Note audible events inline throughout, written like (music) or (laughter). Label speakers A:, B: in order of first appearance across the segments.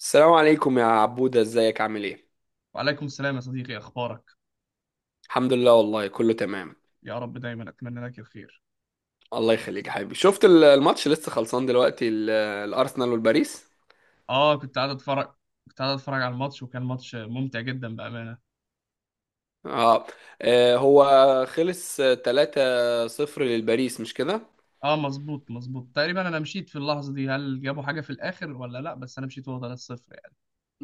A: السلام عليكم يا عبودة، ازيك؟ عامل ايه؟
B: وعليكم السلام يا صديقي، اخبارك؟
A: الحمد لله، والله كله تمام.
B: يا رب دايما اتمنى لك الخير.
A: الله يخليك يا حبيبي. شفت الماتش لسه خلصان دلوقتي؟ الأرسنال والباريس.
B: اه كنت قاعد اتفرج، كنت قاعد اتفرج على الماتش وكان ماتش ممتع جدا بامانه.
A: اه. هو خلص 3-0 للباريس، مش كده؟
B: اه مظبوط، تقريبا انا مشيت في اللحظه دي، هل جابوا حاجه في الاخر ولا لا؟ بس انا مشيت وهو 3-0 يعني.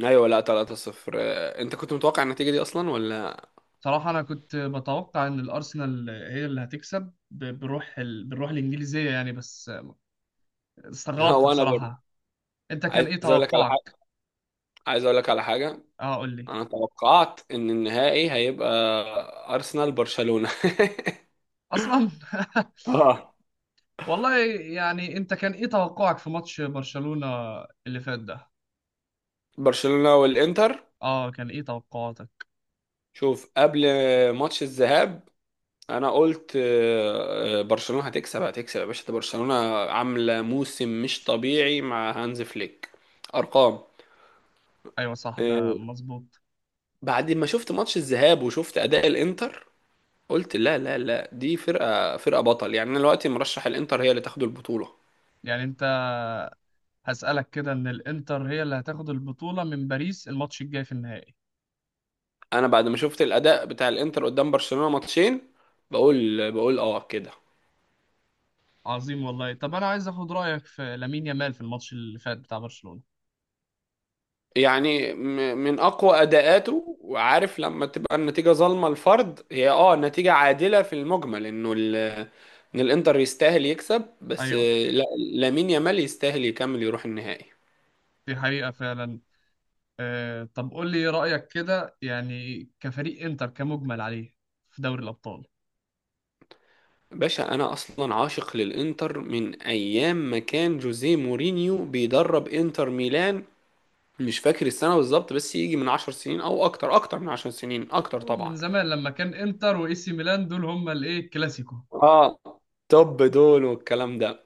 A: ايوه، لا 3-0. انت كنت متوقع النتيجة دي اصلا ولا؟
B: بصراحه انا كنت بتوقع ان الارسنال هي اللي هتكسب بالروح بالروح الانجليزيه يعني، بس
A: (laughs)
B: استغربت
A: وانا برضه.
B: بصراحه. انت كان
A: عايز
B: ايه
A: اقول لك على
B: توقعك؟
A: حاجة، عايز اقول لك على حاجة.
B: اه قول لي.
A: انا توقعت ان النهائي هيبقى أرسنال برشلونة.
B: اصلا
A: (laughs)
B: (laughs)
A: اه.
B: والله. يعني انت كان ايه توقعك في ماتش برشلونه اللي فات ده؟
A: برشلونة والإنتر.
B: اه كان ايه توقعاتك؟
A: شوف قبل ماتش الذهاب، انا قلت برشلونة هتكسب هتكسب يا باشا، ده برشلونة عاملة موسم مش طبيعي مع هانز فليك. ارقام.
B: ايوه صح،
A: آه،
B: ده مظبوط.
A: بعد ما شفت ماتش الذهاب وشفت اداء الانتر، قلت لا لا لا، دي فرقة فرقة بطل يعني. انا دلوقتي مرشح الانتر هي اللي تاخد البطولة.
B: يعني انت، هسألك كده، ان الانتر هي اللي هتاخد البطولة من باريس الماتش الجاي في النهائي؟
A: انا بعد ما شفت الاداء بتاع الانتر قدام برشلونة ماتشين، بقول اه كده.
B: عظيم والله. طب انا عايز اخد رأيك في لامين يامال في الماتش اللي فات بتاع برشلونة.
A: يعني من اقوى اداءاته. وعارف لما تبقى النتيجه ظالمه الفرد، هي اه نتيجه عادله في المجمل، انه ان الانتر يستاهل يكسب، بس
B: ايوه.
A: لا، لامين يامال يستاهل يكمل يروح النهائي.
B: دي حقيقة فعلا. آه، طب قول لي رأيك كده، يعني كفريق انتر كمجمل عليه في دوري الابطال.
A: باشا انا اصلا عاشق للانتر من ايام ما كان جوزيه مورينيو بيدرب انتر ميلان. مش فاكر السنه بالظبط، بس يجي من 10 سنين او اكتر، اكتر من 10 سنين اكتر
B: من
A: طبعا.
B: زمان لما كان انتر واي سي ميلان، دول هما الايه، الكلاسيكو.
A: اه. طب دول والكلام ده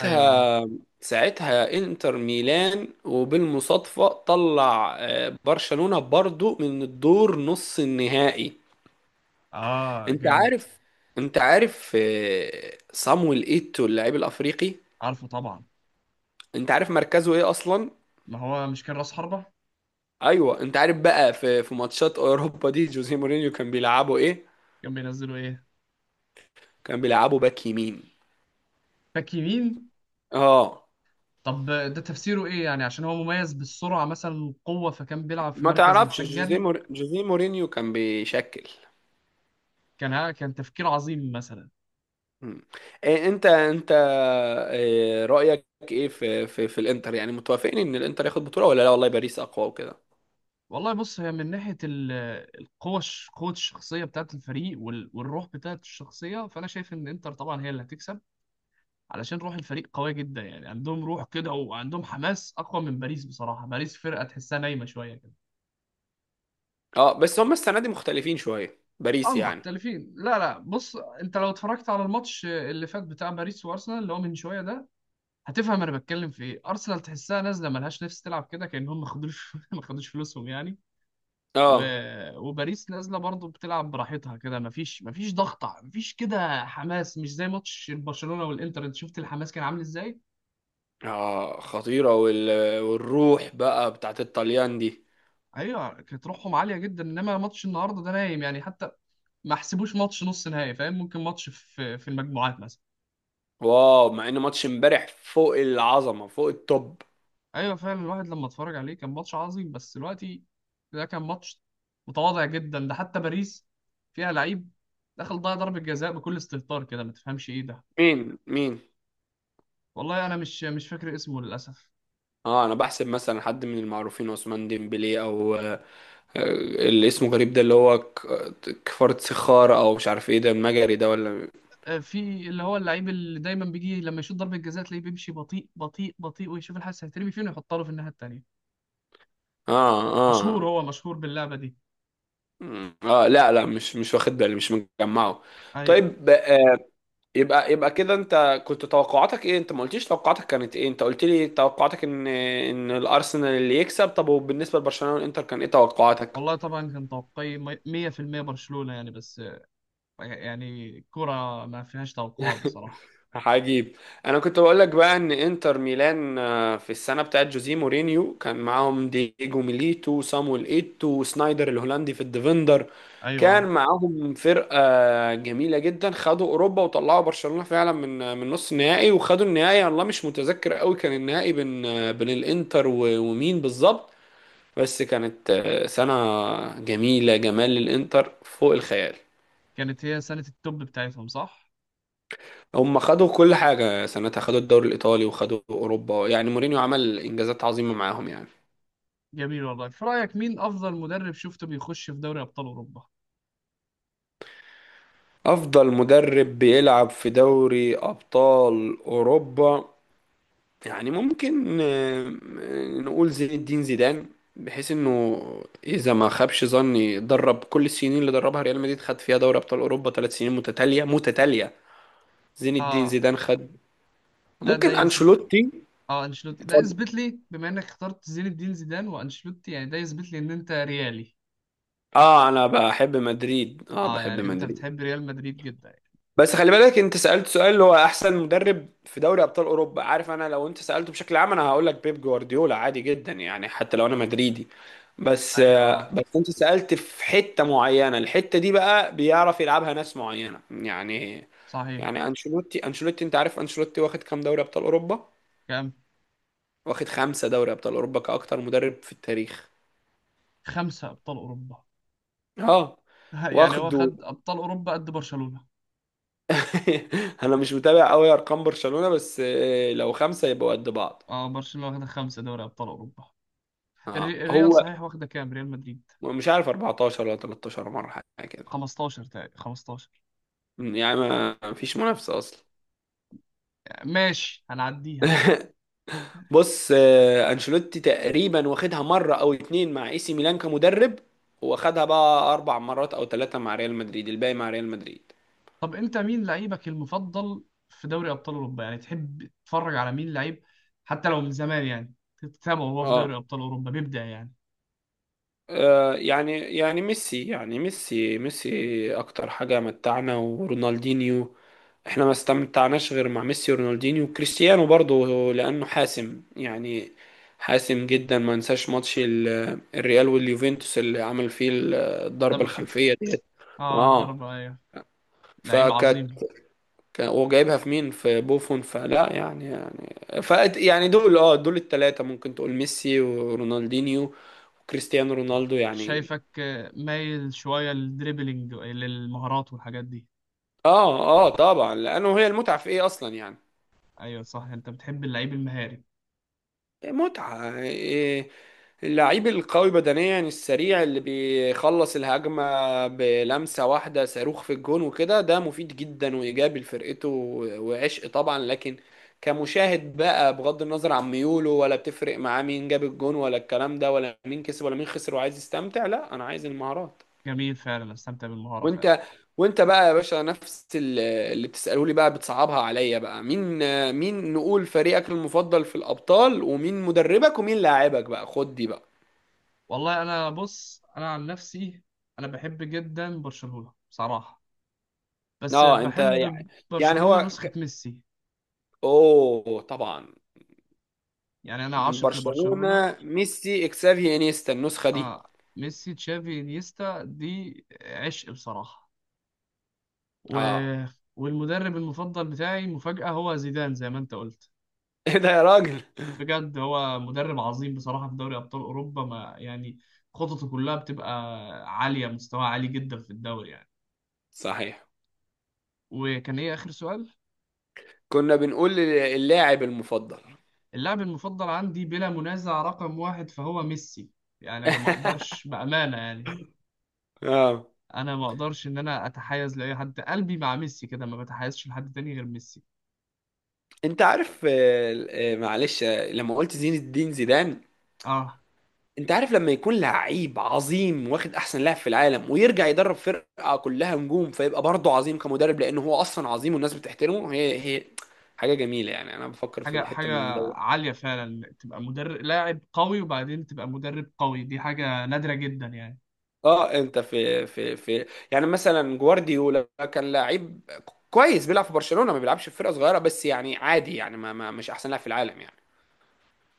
B: ايوه.
A: ساعتها انتر ميلان، وبالمصادفة طلع برشلونة برضو من الدور نص النهائي.
B: اه
A: انت
B: جامد.
A: عارف، انت عارف صامويل ايتو اللاعب الافريقي.
B: عارفه طبعا.
A: انت عارف مركزه ايه اصلا.
B: ما هو مش كان راس حربة؟
A: ايوه، انت عارف بقى في ماتشات اوروبا دي جوزيه مورينيو كان بيلعبه ايه؟
B: كانوا بينزلوا ايه؟
A: كان بيلعبه باك يمين.
B: باك يمين؟
A: اه.
B: طب ده تفسيره ايه يعني؟ عشان هو مميز بالسرعه مثلا والقوه، فكان بيلعب في
A: ما
B: مركز
A: تعرفش
B: محتاج جري.
A: جوزيه مورينيو كان بيشكل.
B: كان كان تفكير عظيم مثلا.
A: مم. إيه انت إيه رأيك، ايه في الانتر؟ يعني متوافقين ان الانتر ياخد بطولة ولا لا والله باريس اقوى وكده؟
B: والله بص، هي من القوه، قوه الشخصيه بتاعت الفريق والروح بتاعت الشخصيه، فانا شايف ان انتر طبعا هي اللي هتكسب. علشان روح الفريق قويه جدا يعني، عندهم روح كده وعندهم حماس اقوى من باريس بصراحه. باريس فرقه تحسها نايمه شويه كده.
A: اه، بس هم السنة دي مختلفين شوية
B: اه
A: باريس يعني.
B: مختلفين، لا لا بص، انت لو اتفرجت على الماتش اللي فات بتاع باريس وارسنال اللي هو من شويه ده، هتفهم انا بتكلم في ايه. ارسنال تحسها نازله ملهاش نفس تلعب كده، كانهم ما خدوش (laughs) ما خدوش فلوسهم يعني. و...
A: اه
B: وباريس نازله برضو بتلعب براحتها كده، ما فيش ضغط، ما فيش كده حماس، مش زي ماتش برشلونه والانتر. انت شفت الحماس كان عامل ازاي؟
A: اه، خطيرة والروح بقى بتاعت الطليان دي.
B: ايوه كانت روحهم عاليه جدا. انما ماتش النهارده ده نايم يعني، حتى ما حسبوش ماتش نص نهائي، فاهم؟ ممكن ماتش في المجموعات مثلا.
A: واو، مع ان ماتش امبارح فوق العظمة فوق التوب.
B: ايوه فعلا، الواحد لما اتفرج عليه كان ماتش عظيم. بس دلوقتي ده كان ماتش متواضع جدا. ده حتى باريس فيها لعيب دخل ضيع ضربة جزاء بكل استهتار كده، ما تفهمش ايه ده.
A: مين مين؟
B: والله انا مش فاكر اسمه للاسف.
A: اه، انا بحسب مثلا حد من المعروفين، عثمان ديمبلي او اللي اسمه غريب ده، اللي هو كفارة سخار، او مش عارف ايه ده المجري ده ولا؟
B: في اللي هو اللعيب اللي دايما بيجي لما يشوط ضربة جزاء تلاقيه بيمشي بطيء بطيء بطيء، ويشوف الحارس هيترمي فين ويحطها له في الناحية التانية.
A: اه. اه.
B: مشهور، هو مشهور باللعبة دي.
A: اه، لا لا مش واخد بالي، مش مجمعه.
B: ايوه.
A: طيب آه، يبقى يبقى كده، انت كنت توقعاتك ايه؟ انت ما قلتليش توقعاتك كانت ايه، انت قلت لي توقعاتك ان ان الارسنال اللي يكسب، طب وبالنسبه لبرشلونه والانتر كان ايه توقعاتك؟
B: والله طبعا كان توقعي 100% برشلونة يعني، بس يعني كرة ما فيهاش توقعات بصراحة.
A: عجيب. انا كنت بقول لك بقى ان انتر ميلان في السنه بتاعت جوزيه مورينيو كان معاهم دييجو ميليتو وصامويل ايتو وسنايدر الهولندي في الديفندر. كان
B: ايوه
A: معاهم فرقه جميله جدا، خدوا اوروبا وطلعوا برشلونه فعلا من من نص النهائي، وخدوا النهائي. والله مش متذكر قوي كان النهائي بين بين الانتر ومين بالظبط. بس كانت سنه جميله، جمال الانتر فوق الخيال.
B: كانت هي سنة التوب بتاعتهم، صح؟
A: هم خدوا كل حاجة سنتها، خدوا الدوري الإيطالي وخدوا أوروبا، يعني مورينيو عمل إنجازات عظيمة معاهم يعني.
B: جميل والله. في رأيك مين أفضل مدرب شفته بيخش في دوري أبطال أوروبا؟
A: أفضل مدرب بيلعب في دوري أبطال أوروبا، يعني ممكن نقول زين الدين زيدان، بحيث إنه إذا ما خابش ظني، درب كل السنين اللي دربها ريال مدريد، خد فيها دوري أبطال أوروبا 3 سنين متتالية متتالية. زين الدين
B: آه،
A: زيدان خد.
B: ده ده
A: ممكن
B: يثبت.
A: أنشيلوتي.
B: آه أنشيلوتي، ده
A: اتفضل.
B: يثبت لي، بما إنك اخترت زين الدين زيدان وأنشيلوتي، يعني ده يثبت لي إن أنت ريالي.
A: اه، انا بحب مدريد، اه
B: آه،
A: بحب
B: يعني أنت
A: مدريد.
B: بتحب ريال مدريد جدا يعني.
A: بس خلي بالك، انت سألت سؤال اللي هو احسن مدرب في دوري ابطال اوروبا. عارف، انا لو انت سألته بشكل عام انا هقول لك بيب جوارديولا عادي جدا يعني، حتى لو انا مدريدي. بس،
B: أيوه آه.
A: بس انت سألت في حتة معينة، الحتة دي بقى بيعرف يلعبها ناس معينة يعني.
B: صحيح،
A: يعني انشيلوتي، انشيلوتي، انت عارف انشيلوتي واخد كام دوري ابطال اوروبا؟
B: كام؟
A: واخد 5 دوري ابطال اوروبا كأكتر مدرب في التاريخ.
B: خمسة أبطال أوروبا؟
A: اه.
B: (laughs) يعني هو
A: واخده.
B: خد أبطال أوروبا قد برشلونة.
A: (laughs) انا مش متابع قوي ارقام برشلونة، بس لو 5 يبقوا قد بعض.
B: آه برشلونة واخدة خمسة دوري أبطال أوروبا.
A: اه
B: الريال
A: هو.
B: صحيح واخدة كام؟ ريال مدريد؟
A: مش عارف 14 ولا 13 مرة، حاجة كده.
B: 15 تقريبا، 15.
A: يعني ما فيش منافسة أصلا.
B: ماشي هنعديها.
A: (laughs) بص أنشيلوتي تقريبا واخدها مرة أو اتنين مع اي سي ميلان كمدرب، واخدها بقى 4 مرات أو ثلاثة مع ريال مدريد، الباقي مع ريال مدريد.
B: طب انت مين لعيبك المفضل في دوري ابطال اوروبا؟ يعني تحب تتفرج على مين لعيب، حتى لو من زمان يعني تتابعه وهو في دوري
A: اه.
B: ابطال اوروبا بيبدع يعني.
A: يعني ميسي أكتر حاجة متعنا، ورونالدينيو. احنا ما استمتعناش غير مع ميسي ورونالدينيو وكريستيانو برضه، لانه حاسم يعني، حاسم جدا. ما انساش ماتش الريال واليوفنتوس اللي عمل فيه الضربة
B: دبل كيك.
A: الخلفية ديت.
B: اه
A: اه.
B: الضربة ايوه. لعيب
A: فكانت
B: عظيم.
A: وجايبها في مين؟ في بوفون، فلا يعني يعني. ف، يعني دول اه دول الثلاثة ممكن تقول ميسي ورونالدينيو وكريستيانو
B: آه،
A: رونالدو يعني.
B: شايفك مايل شوية للدريبلينج، للمهارات والحاجات دي.
A: اه اه طبعا، لانه هي المتعة في ايه اصلا يعني.
B: ايوه صح، انت بتحب اللعيب المهاري.
A: متعة إيه؟ اللعيب القوي بدنيا السريع اللي بيخلص الهجمة بلمسة واحدة صاروخ في الجون وكده، ده مفيد جدا وإيجابي لفرقته وعشق طبعا، لكن كمشاهد بقى بغض النظر عن ميوله، ولا بتفرق معاه مين جاب الجون ولا الكلام ده، ولا مين كسب ولا مين خسر، وعايز يستمتع، لا أنا عايز المهارات.
B: جميل، فعلا استمتع بالمهارة فعلا.
A: وأنت وأنت بقى يا باشا نفس اللي بتسأله لي بقى، بتصعبها عليا بقى. مين نقول فريقك المفضل في الأبطال؟ ومين مدربك ومين لاعبك بقى؟ خد دي بقى.
B: والله انا بص، انا عن نفسي انا بحب جدا برشلونة بصراحة. بس
A: اه، انت يعني،
B: بحب
A: يعني
B: برشلونة
A: هو
B: نسخة ميسي.
A: اوه طبعا.
B: يعني انا عاشق لبرشلونة.
A: برشلونة ميسي اكسافي انيستا النسخة دي.
B: آه، ميسي تشافي انيستا دي عشق بصراحة. و...
A: اه.
B: والمدرب المفضل بتاعي مفاجأة، هو زيدان زي ما انت قلت.
A: (laughs) ايه ده يا راجل.
B: بجد هو مدرب عظيم بصراحة في دوري ابطال اوروبا ما يعني، خططه كلها بتبقى عالية، مستوى عالي جدا في الدوري يعني.
A: صحيح.
B: وكان ايه اخر سؤال؟
A: كنا بنقول اللاعب المفضل.
B: اللاعب المفضل عندي بلا منازع رقم واحد فهو ميسي. يعني انا ما
A: (laughs)
B: اقدرش بأمانة يعني،
A: اه.
B: انا ما اقدرش ان انا اتحيز لاي حد، قلبي مع ميسي كده، ما بتحيزش لحد تاني غير ميسي.
A: انت عارف معلش لما قلت زين الدين زيدان.
B: اه
A: انت عارف لما يكون لعيب عظيم واخد احسن لاعب في العالم ويرجع يدرب فرقة كلها نجوم، فيبقى برضه عظيم كمدرب، لانه هو اصلا عظيم والناس بتحترمه، هي هي حاجة جميلة. يعني انا بفكر في
B: حاجه،
A: الحتة من
B: عاليه فعلا، تبقى مدرب لاعب قوي وبعدين تبقى مدرب قوي، دي حاجه نادره جدا يعني.
A: اه. انت في يعني مثلا جوارديولا كان لعيب كويس، بيلعب في برشلونة، ما بيلعبش في فرقة صغيرة بس يعني عادي يعني، ما مش احسن لاعب في العالم يعني.